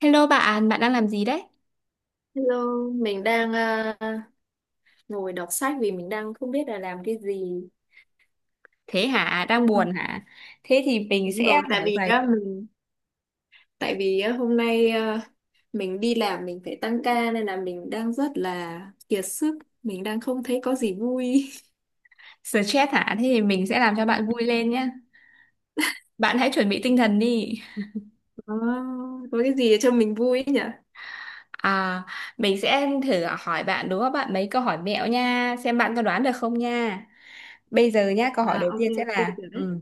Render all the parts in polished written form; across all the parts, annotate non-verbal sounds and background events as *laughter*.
Hello bạn, bạn đang làm gì đấy? Hello, mình đang ngồi đọc sách vì mình đang không biết là làm cái gì. Thế hả? Đang Không. buồn hả? Thế thì mình Đúng sẽ rồi, tại hỏi vì vài á, hôm nay mình đi làm, mình phải tăng ca nên là mình đang rất là kiệt sức, mình đang không thấy có gì vui. *laughs* stress hả? Thế thì mình sẽ làm cho bạn vui lên nhé. Bạn hãy chuẩn bị tinh thần đi. Có, có cái gì để cho mình vui ấy nhỉ? À, mình sẽ thử hỏi bạn đúng không bạn mấy câu hỏi mẹo nha, xem bạn có đoán được không nha. Bây giờ nhá, câu hỏi À, đầu ok tiên sẽ ok là được đấy.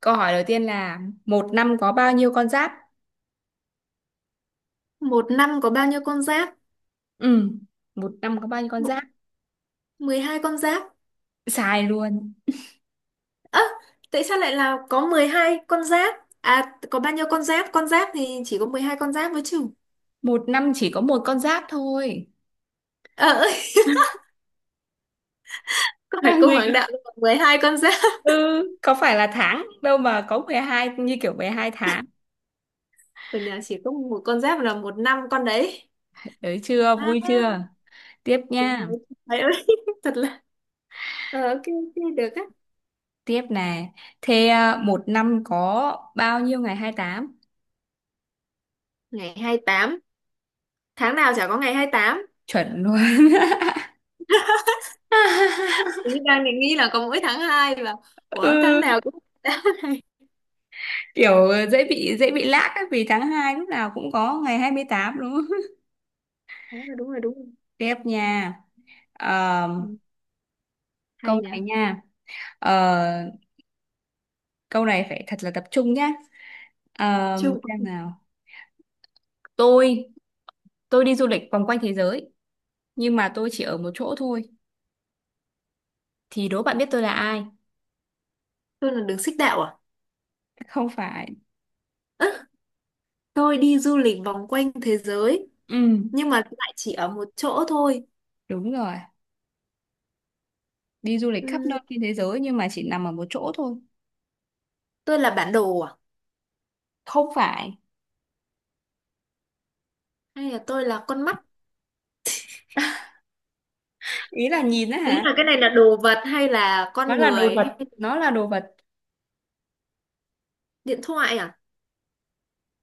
Câu hỏi đầu tiên là một năm có bao nhiêu con giáp? Một năm có bao nhiêu con giáp? Ừ. Một năm có bao nhiêu con Mộ- giáp? Mười hai con giáp. Sai luôn. Ơ, tại sao lại là có 12 con giáp? À, có bao nhiêu con giáp? Con giáp thì chỉ có 12 con giáp mới chứ. Một năm chỉ có một con giáp thôi. Ờ. *laughs* Có phải *laughs* cung hoàng Gì? đạo nhưng mà 12 con giáp, Ừ, có phải là tháng đâu mà có 12 như kiểu 12 tháng. ở nhà chỉ có một con giáp là một năm con đấy. Đấy chưa, À, vui chưa? Tiếp trời nha, ơi, trời ơi. *laughs* Thật là ok ok được á. tiếp nè. Thế à, một năm có bao nhiêu ngày 28? Ngày hai mươi tám, tháng nào chả có ngày hai mươi tám. Chuẩn luôn. Ý *laughs* đang định nghĩ là có mỗi tháng 2 và ủa, tháng Ừ, nào cũng *laughs* tháng này. kiểu dễ bị lag á, vì tháng 2 lúc nào cũng có ngày 28 đúng không? Đúng rồi, đúng rồi, đúng rồi. Tiếp nha. Ờ, Ừ, câu hay nhỉ. này nha. Ờ, câu này phải thật là tập trung nhá. Ờ, Chung, xem nào. Tôi tôi đi du lịch vòng quanh thế giới nhưng mà tôi chỉ ở một chỗ thôi, thì đố bạn biết tôi là ai? tôi là đường xích đạo à? *laughs* Không phải. Ơ, tôi đi du lịch vòng quanh thế giới Ừ, nhưng mà lại chỉ ở một chỗ thôi. đúng rồi. Đi du lịch khắp Ừm, nơi trên thế giới nhưng mà chỉ nằm ở một chỗ thôi. tôi là bản đồ à, Không phải. hay là tôi là con mắt? Ý là nhìn đó Ý hả? là cái này là đồ vật hay là Nó con là đồ người hay vật. Nó là đồ vật. điện thoại à?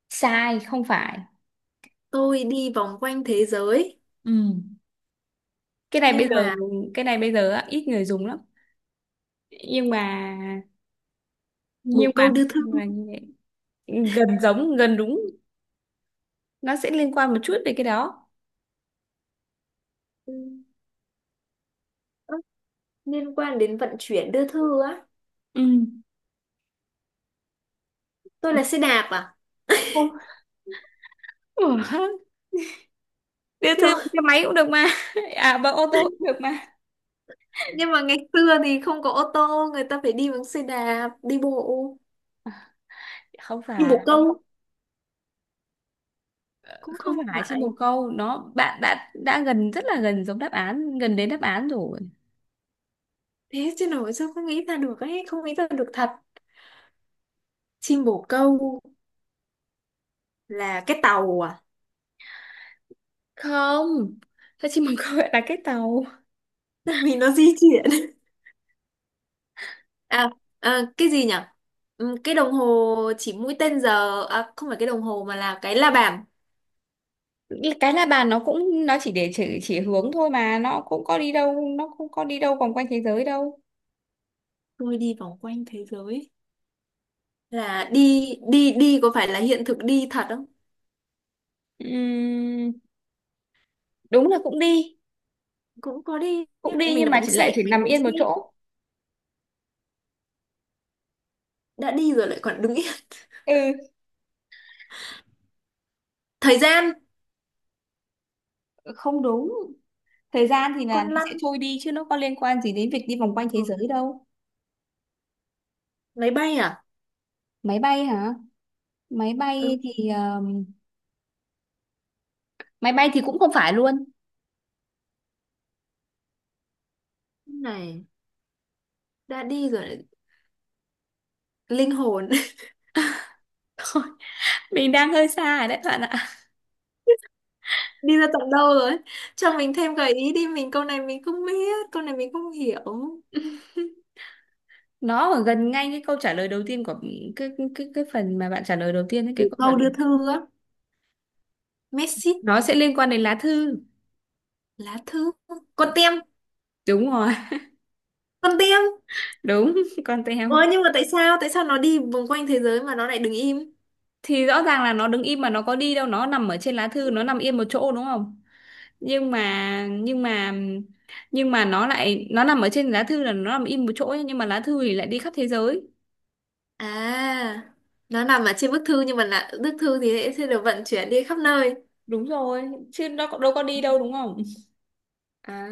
Sai, không phải. Tôi đi vòng quanh thế giới Ừ. cái này bây nhưng giờ mà cái này bây giờ á, ít người dùng lắm, nhưng mà nhưng bồ mà câu đưa thư. nhưng mà như vậy. Gần giống, gần đúng. Nó sẽ liên quan một chút về cái đó. ừ, ơ, Liên quan đến vận chuyển đưa thư á. Ừ. Tôi là xe đạp à? Không. Ủa, *laughs* đưa thư Kiểu, bằng xe máy cũng được mà, *laughs* à bằng ô tô cũng được mà. nhưng mà ngày xưa thì không có ô tô, người ta phải đi bằng xe đạp, đi bộ. Không Nhưng phải. bồ câu cũng Không không phải chim bồ phải. câu, nó bạn đã gần rất là gần giống đáp án, gần đến đáp án rồi. Thế chứ nổi sao không nghĩ ra được ấy, không nghĩ ra được thật. Chim bồ câu là cái tàu à? Không, sao chim bồ câu lại là cái tàu? Tại vì nó di chuyển. À, cái gì nhỉ? Ừ, cái đồng hồ chỉ mũi tên giờ à, không phải cái đồng hồ mà là cái la bàn. Cái la bàn nó cũng, nó chỉ để chỉ hướng thôi mà, nó cũng có đi đâu, nó cũng có đi đâu vòng quanh thế giới đâu. Tôi đi vòng quanh thế giới là đi đi đi, có phải là hiện thực đi thật không? Ừm, đúng là cũng đi. Cũng có đi nhá. Cũng đi Mình nhưng là mà bóng chỉ lại xệ, chỉ mình nằm bóng yên một xệ chỗ. đã đi rồi lại còn đứng yên. Ừ, *laughs* Thời gian, không đúng. Thời gian thì là con nó sẽ lăn, trôi đi chứ nó có liên quan gì đến việc đi vòng quanh thế giới ừ. đâu. máy bay à? Máy bay hả? Máy Ừ, bay thì máy bay thì cũng không phải luôn. cái này đã đi rồi lại linh hồn. *laughs* Mình đang hơi xa rồi đấy bạn ạ. Đi ra tận đâu rồi? Cho mình thêm gợi ý đi, mình câu này mình không biết, câu này mình không hiểu. Nó ở gần ngay cái câu trả lời đầu tiên của cái phần mà bạn trả lời đầu tiên ấy, cái Đủ câu trả câu đưa lời thư á. Messi, nó sẽ liên quan đến lá thư. lá thư, con tem, Đúng rồi. con tem. *laughs* Đúng. Con Ơ teo. nhưng mà tại sao, tại sao nó đi vòng quanh thế giới mà nó lại đứng im? Thì rõ ràng là nó đứng im mà, nó có đi đâu, nó nằm ở trên lá thư, nó nằm yên một chỗ đúng không, nhưng mà nhưng mà nhưng mà nó lại, nó nằm ở trên lá thư là nó nằm im một chỗ ấy, nhưng mà lá thư thì lại đi khắp thế giới. À, nó nằm ở trên bức thư nhưng mà là bức thư thì sẽ được vận chuyển đi khắp nơi. Đúng rồi, chứ nó có- đâu có đi đâu đúng không. À,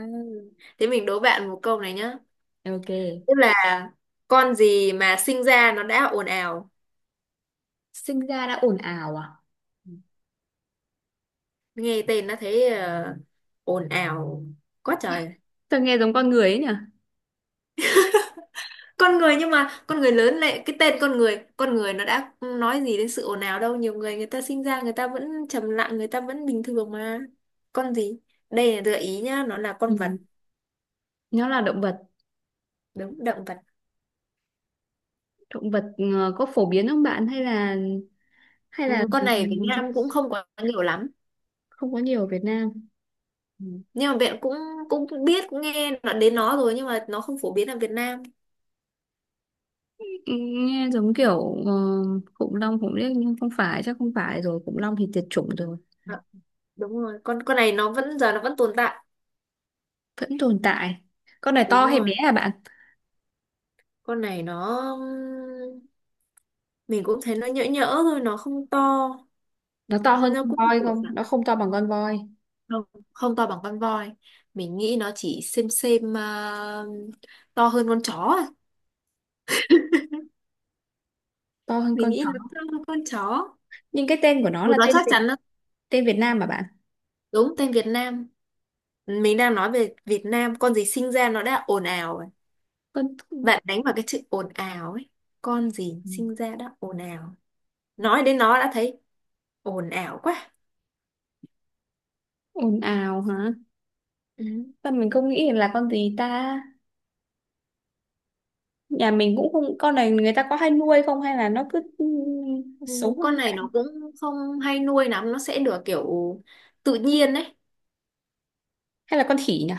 thế mình đố bạn một câu này nhá, Ok. tức là con gì mà sinh ra nó đã ồn ào. Sinh ra đã ồn ào à? Nghe tên nó thấy ồn ào quá trời. Sao nghe giống con người ấy nhỉ. Con người nhưng mà con người lớn lại cái tên con người, con người nó đã nói gì đến sự ồn ào đâu, nhiều người, người ta sinh ra người ta vẫn trầm lặng, người ta vẫn bình thường mà. Con gì? Đây là gợi ý nhá, nó là con vật. Ừ. Nó là động vật. Đúng, động vật. Động vật có phổ biến không bạn, hay là Ừ, con này Việt Nam cũng không quá nhiều lắm. không có nhiều ở Việt Nam. Ừ. Nhưng mà bạn cũng cũng biết, cũng đến nó rồi nhưng mà nó không phổ biến ở Việt Nam. Nghe giống kiểu khủng long khủng liếc nhưng không phải, chắc không phải rồi, khủng long thì tuyệt chủng rồi. À, đúng rồi, con này nó vẫn giờ nó vẫn tồn tại. Vẫn tồn tại. Con này to Đúng hay bé rồi, à bạn? con này nó, mình cũng thấy nó nhỡ nhỡ thôi, nó không to. Nó to hơn Nó con cũng voi được, không, nó không to bằng con voi. không, không to bằng con voi. Mình nghĩ nó chỉ xem, to hơn con chó. À, To hơn mình con nghĩ chó. nó to hơn con chó. Nhưng cái tên của nó Ừ, là nó chắc chắn đó. tên Việt Nam mà bạn. Đúng tên Việt Nam, mình đang nói về Việt Nam, con gì sinh ra nó đã ồn ào rồi. Con Bạn đánh vào cái chữ ồn ào ấy, con gì sinh ra đã ồn ào, nói đến nó đã thấy ồn ào quá. ồn ào hả? Ừ. Sao mình không nghĩ là con gì ta. Nhà mình cũng không, con này người ta có hay nuôi không, hay là nó cứ Ừ, sống hoang con này dã. nó cũng không hay nuôi lắm, nó sẽ được kiểu tự nhiên đấy. Hay là con khỉ nhỉ?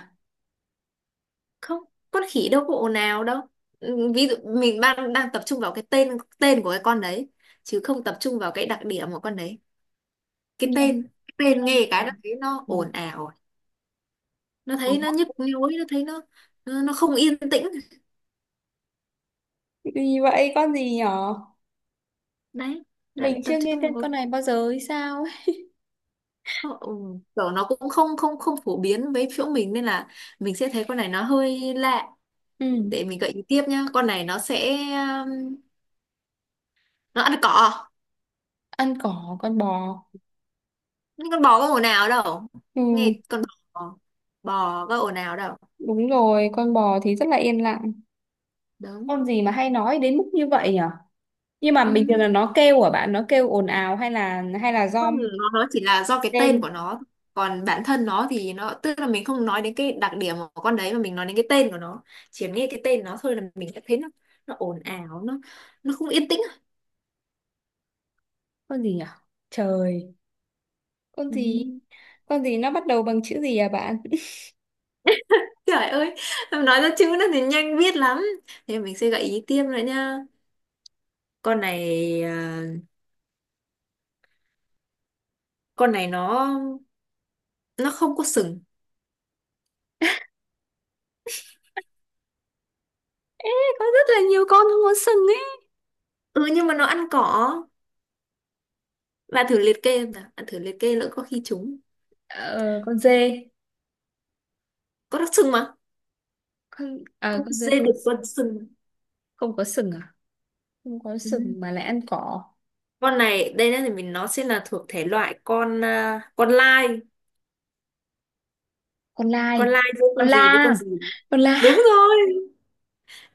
Không, con khỉ đâu có ồn ào đâu. Ừ, ví dụ mình đang đang tập trung vào cái tên, tên của cái con đấy, chứ không tập trung vào cái đặc điểm của con đấy. Cái nghe tên, cái tên nghe nghe cái đó thấy nó ừ, ồn ào, nó thấy nó khó. nhức nhối, nó thấy nó, nó không yên tĩnh. Gì vậy, con gì nhỏ? Đấy, bạn Mình tập chưa nghe tên trung vào. con này bao giờ hay sao ấy. Không, kiểu nó cũng không không không phổ biến với chỗ mình nên là mình sẽ thấy con này nó hơi lạ. Ừ, Để mình gợi ý tiếp nhá, con này nó sẽ nó ăn cỏ. ăn cỏ, con bò. Nhưng con bò có ồn ào đâu, Ừ nghe con bò, bò có ồn ào đâu. đúng rồi, con bò thì rất là yên lặng. Đúng. Con gì mà hay nói đến mức như vậy nhở? Nhưng mà Ừ, bình thường là nó kêu à bạn, nó kêu ồn ào, hay là do con ngựa, nó chỉ là do cái tên lên. của nó, còn bản thân nó thì nó, tức là mình không nói đến cái đặc điểm của con đấy mà mình nói đến cái tên của nó. Chỉ nghe cái tên nó thôi là mình đã thấy nó ồn ào, nó không yên tĩnh. Con gì nhở? Trời, con Ừ. gì? Con gì nó bắt đầu bằng chữ gì à bạn? Trời ơi, em nói ra chữ nó thì nhanh biết lắm. Thế mình sẽ gợi ý tiếp nữa nha, con này, à, con này nó không có sừng. Có rất là nhiều con không có sừng ấy. Ừ, nhưng mà nó ăn cỏ. Bạn thử liệt kê em nào, bạn thử liệt kê lỡ có khi trúng. Ờ, con dê. Có đặc trưng mà, Con, à con con dê dê có đực con sừng. sừng. Không có sừng à? Không có Ừ. sừng mà lại ăn cỏ. Con này, đây là mình, nó sẽ là thuộc thể loại Con lai, con lai giữa con con la. gì với con gì. Con la. Đúng rồi.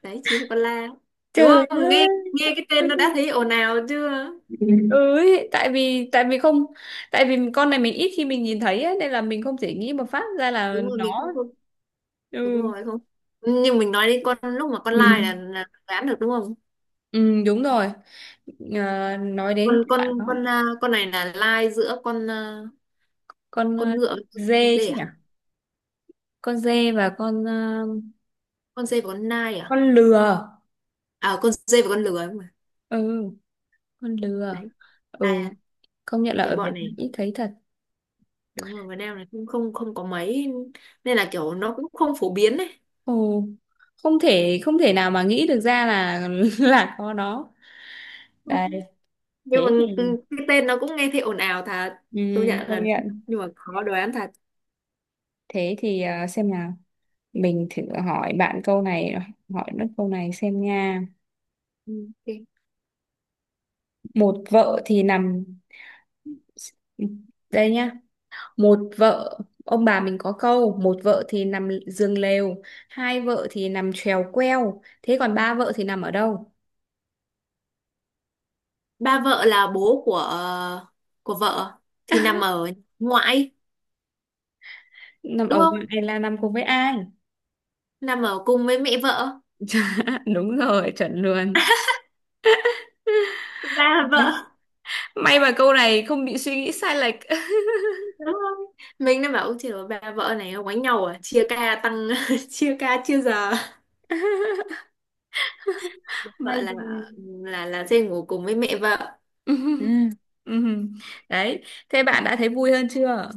Đấy chính là con lai. Đúng Trời không? Nghe ơi. nghe cái tên nó đã thấy ồn ào chưa? Ừ ấy, tại vì không, tại vì con này mình ít khi mình nhìn thấy ấy, nên là mình không thể nghĩ một phát ra là Đúng rồi, mình không nó. không. Đúng Ừ. rồi không. Nhưng mình nói đến con lúc mà con lai là đoán được đúng không? Ừ đúng rồi. Ờ, nói đến bạn đó. Con này là lai giữa Con con ngựa với con dê dê chứ à? nhỉ? Con dê và con Con dê và con nai à? con lừa. À, con dê và con lừa ấy mà. Ừ, con lừa. Đấy. Ừ, À, công nhận là cái ở Việt bọn Nam này, ít thấy thật. đúng rồi, Việt Nam này cũng không không có mấy nên là kiểu nó cũng không phổ biến ấy. Ồ, không thể, không thể nào mà nghĩ được ra là *laughs* là có nó. Đây, Nhưng mà thế thì, cái tên nó cũng nghe thấy ồn ào thật, ừ, công nhận công là, nhận. nhưng mà khó đoán thật. Thế thì à, xem nào. Mình thử hỏi bạn câu này, hỏi nó câu này xem nha. Ừ, ok. Một vợ thì nằm, đây nhá, một vợ, ông bà mình có câu một vợ thì nằm giường lều, hai vợ thì nằm chèo queo, thế còn ba vợ thì nằm ở đâu? Ba vợ là bố của của vợ, thì nằm ở ngoại Nằm đúng ở không, ngoài là nằm cùng với ai? nằm ở cùng với mẹ vợ. *laughs* Đúng rồi, chuẩn luôn. Ba vợ. *laughs* May mà câu này không bị suy nghĩ sai lệch. Đúng không, mình đã bảo "Ôi trời ơi, ba vợ này quánh nhau à, chia ca tăng *laughs* chia ca chia giờ *laughs* vợ May đời. Là sẽ ngủ cùng với mẹ vợ." Ừ, *laughs* Ừm. Đấy, thế bạn đã thấy vui hơn chưa?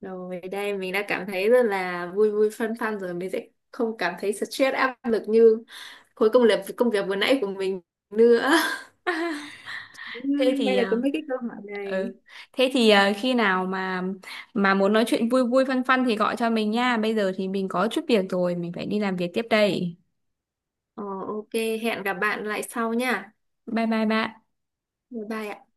rồi đây mình đã cảm thấy rất là vui vui fun fun rồi, mình sẽ không cảm thấy stress áp lực như khối công việc vừa nãy của mình nữa. *laughs* Đúng Thế rồi, thì may là có à, mấy cái câu hỏi này. ừ, thế thì à, khi nào mà muốn nói chuyện vui vui phân phân thì gọi cho mình nha, bây giờ thì mình có chút việc rồi, mình phải đi làm việc tiếp đây. Ờ, ok, hẹn gặp bạn lại sau nha. Bye bye bạn. Bye bye ạ.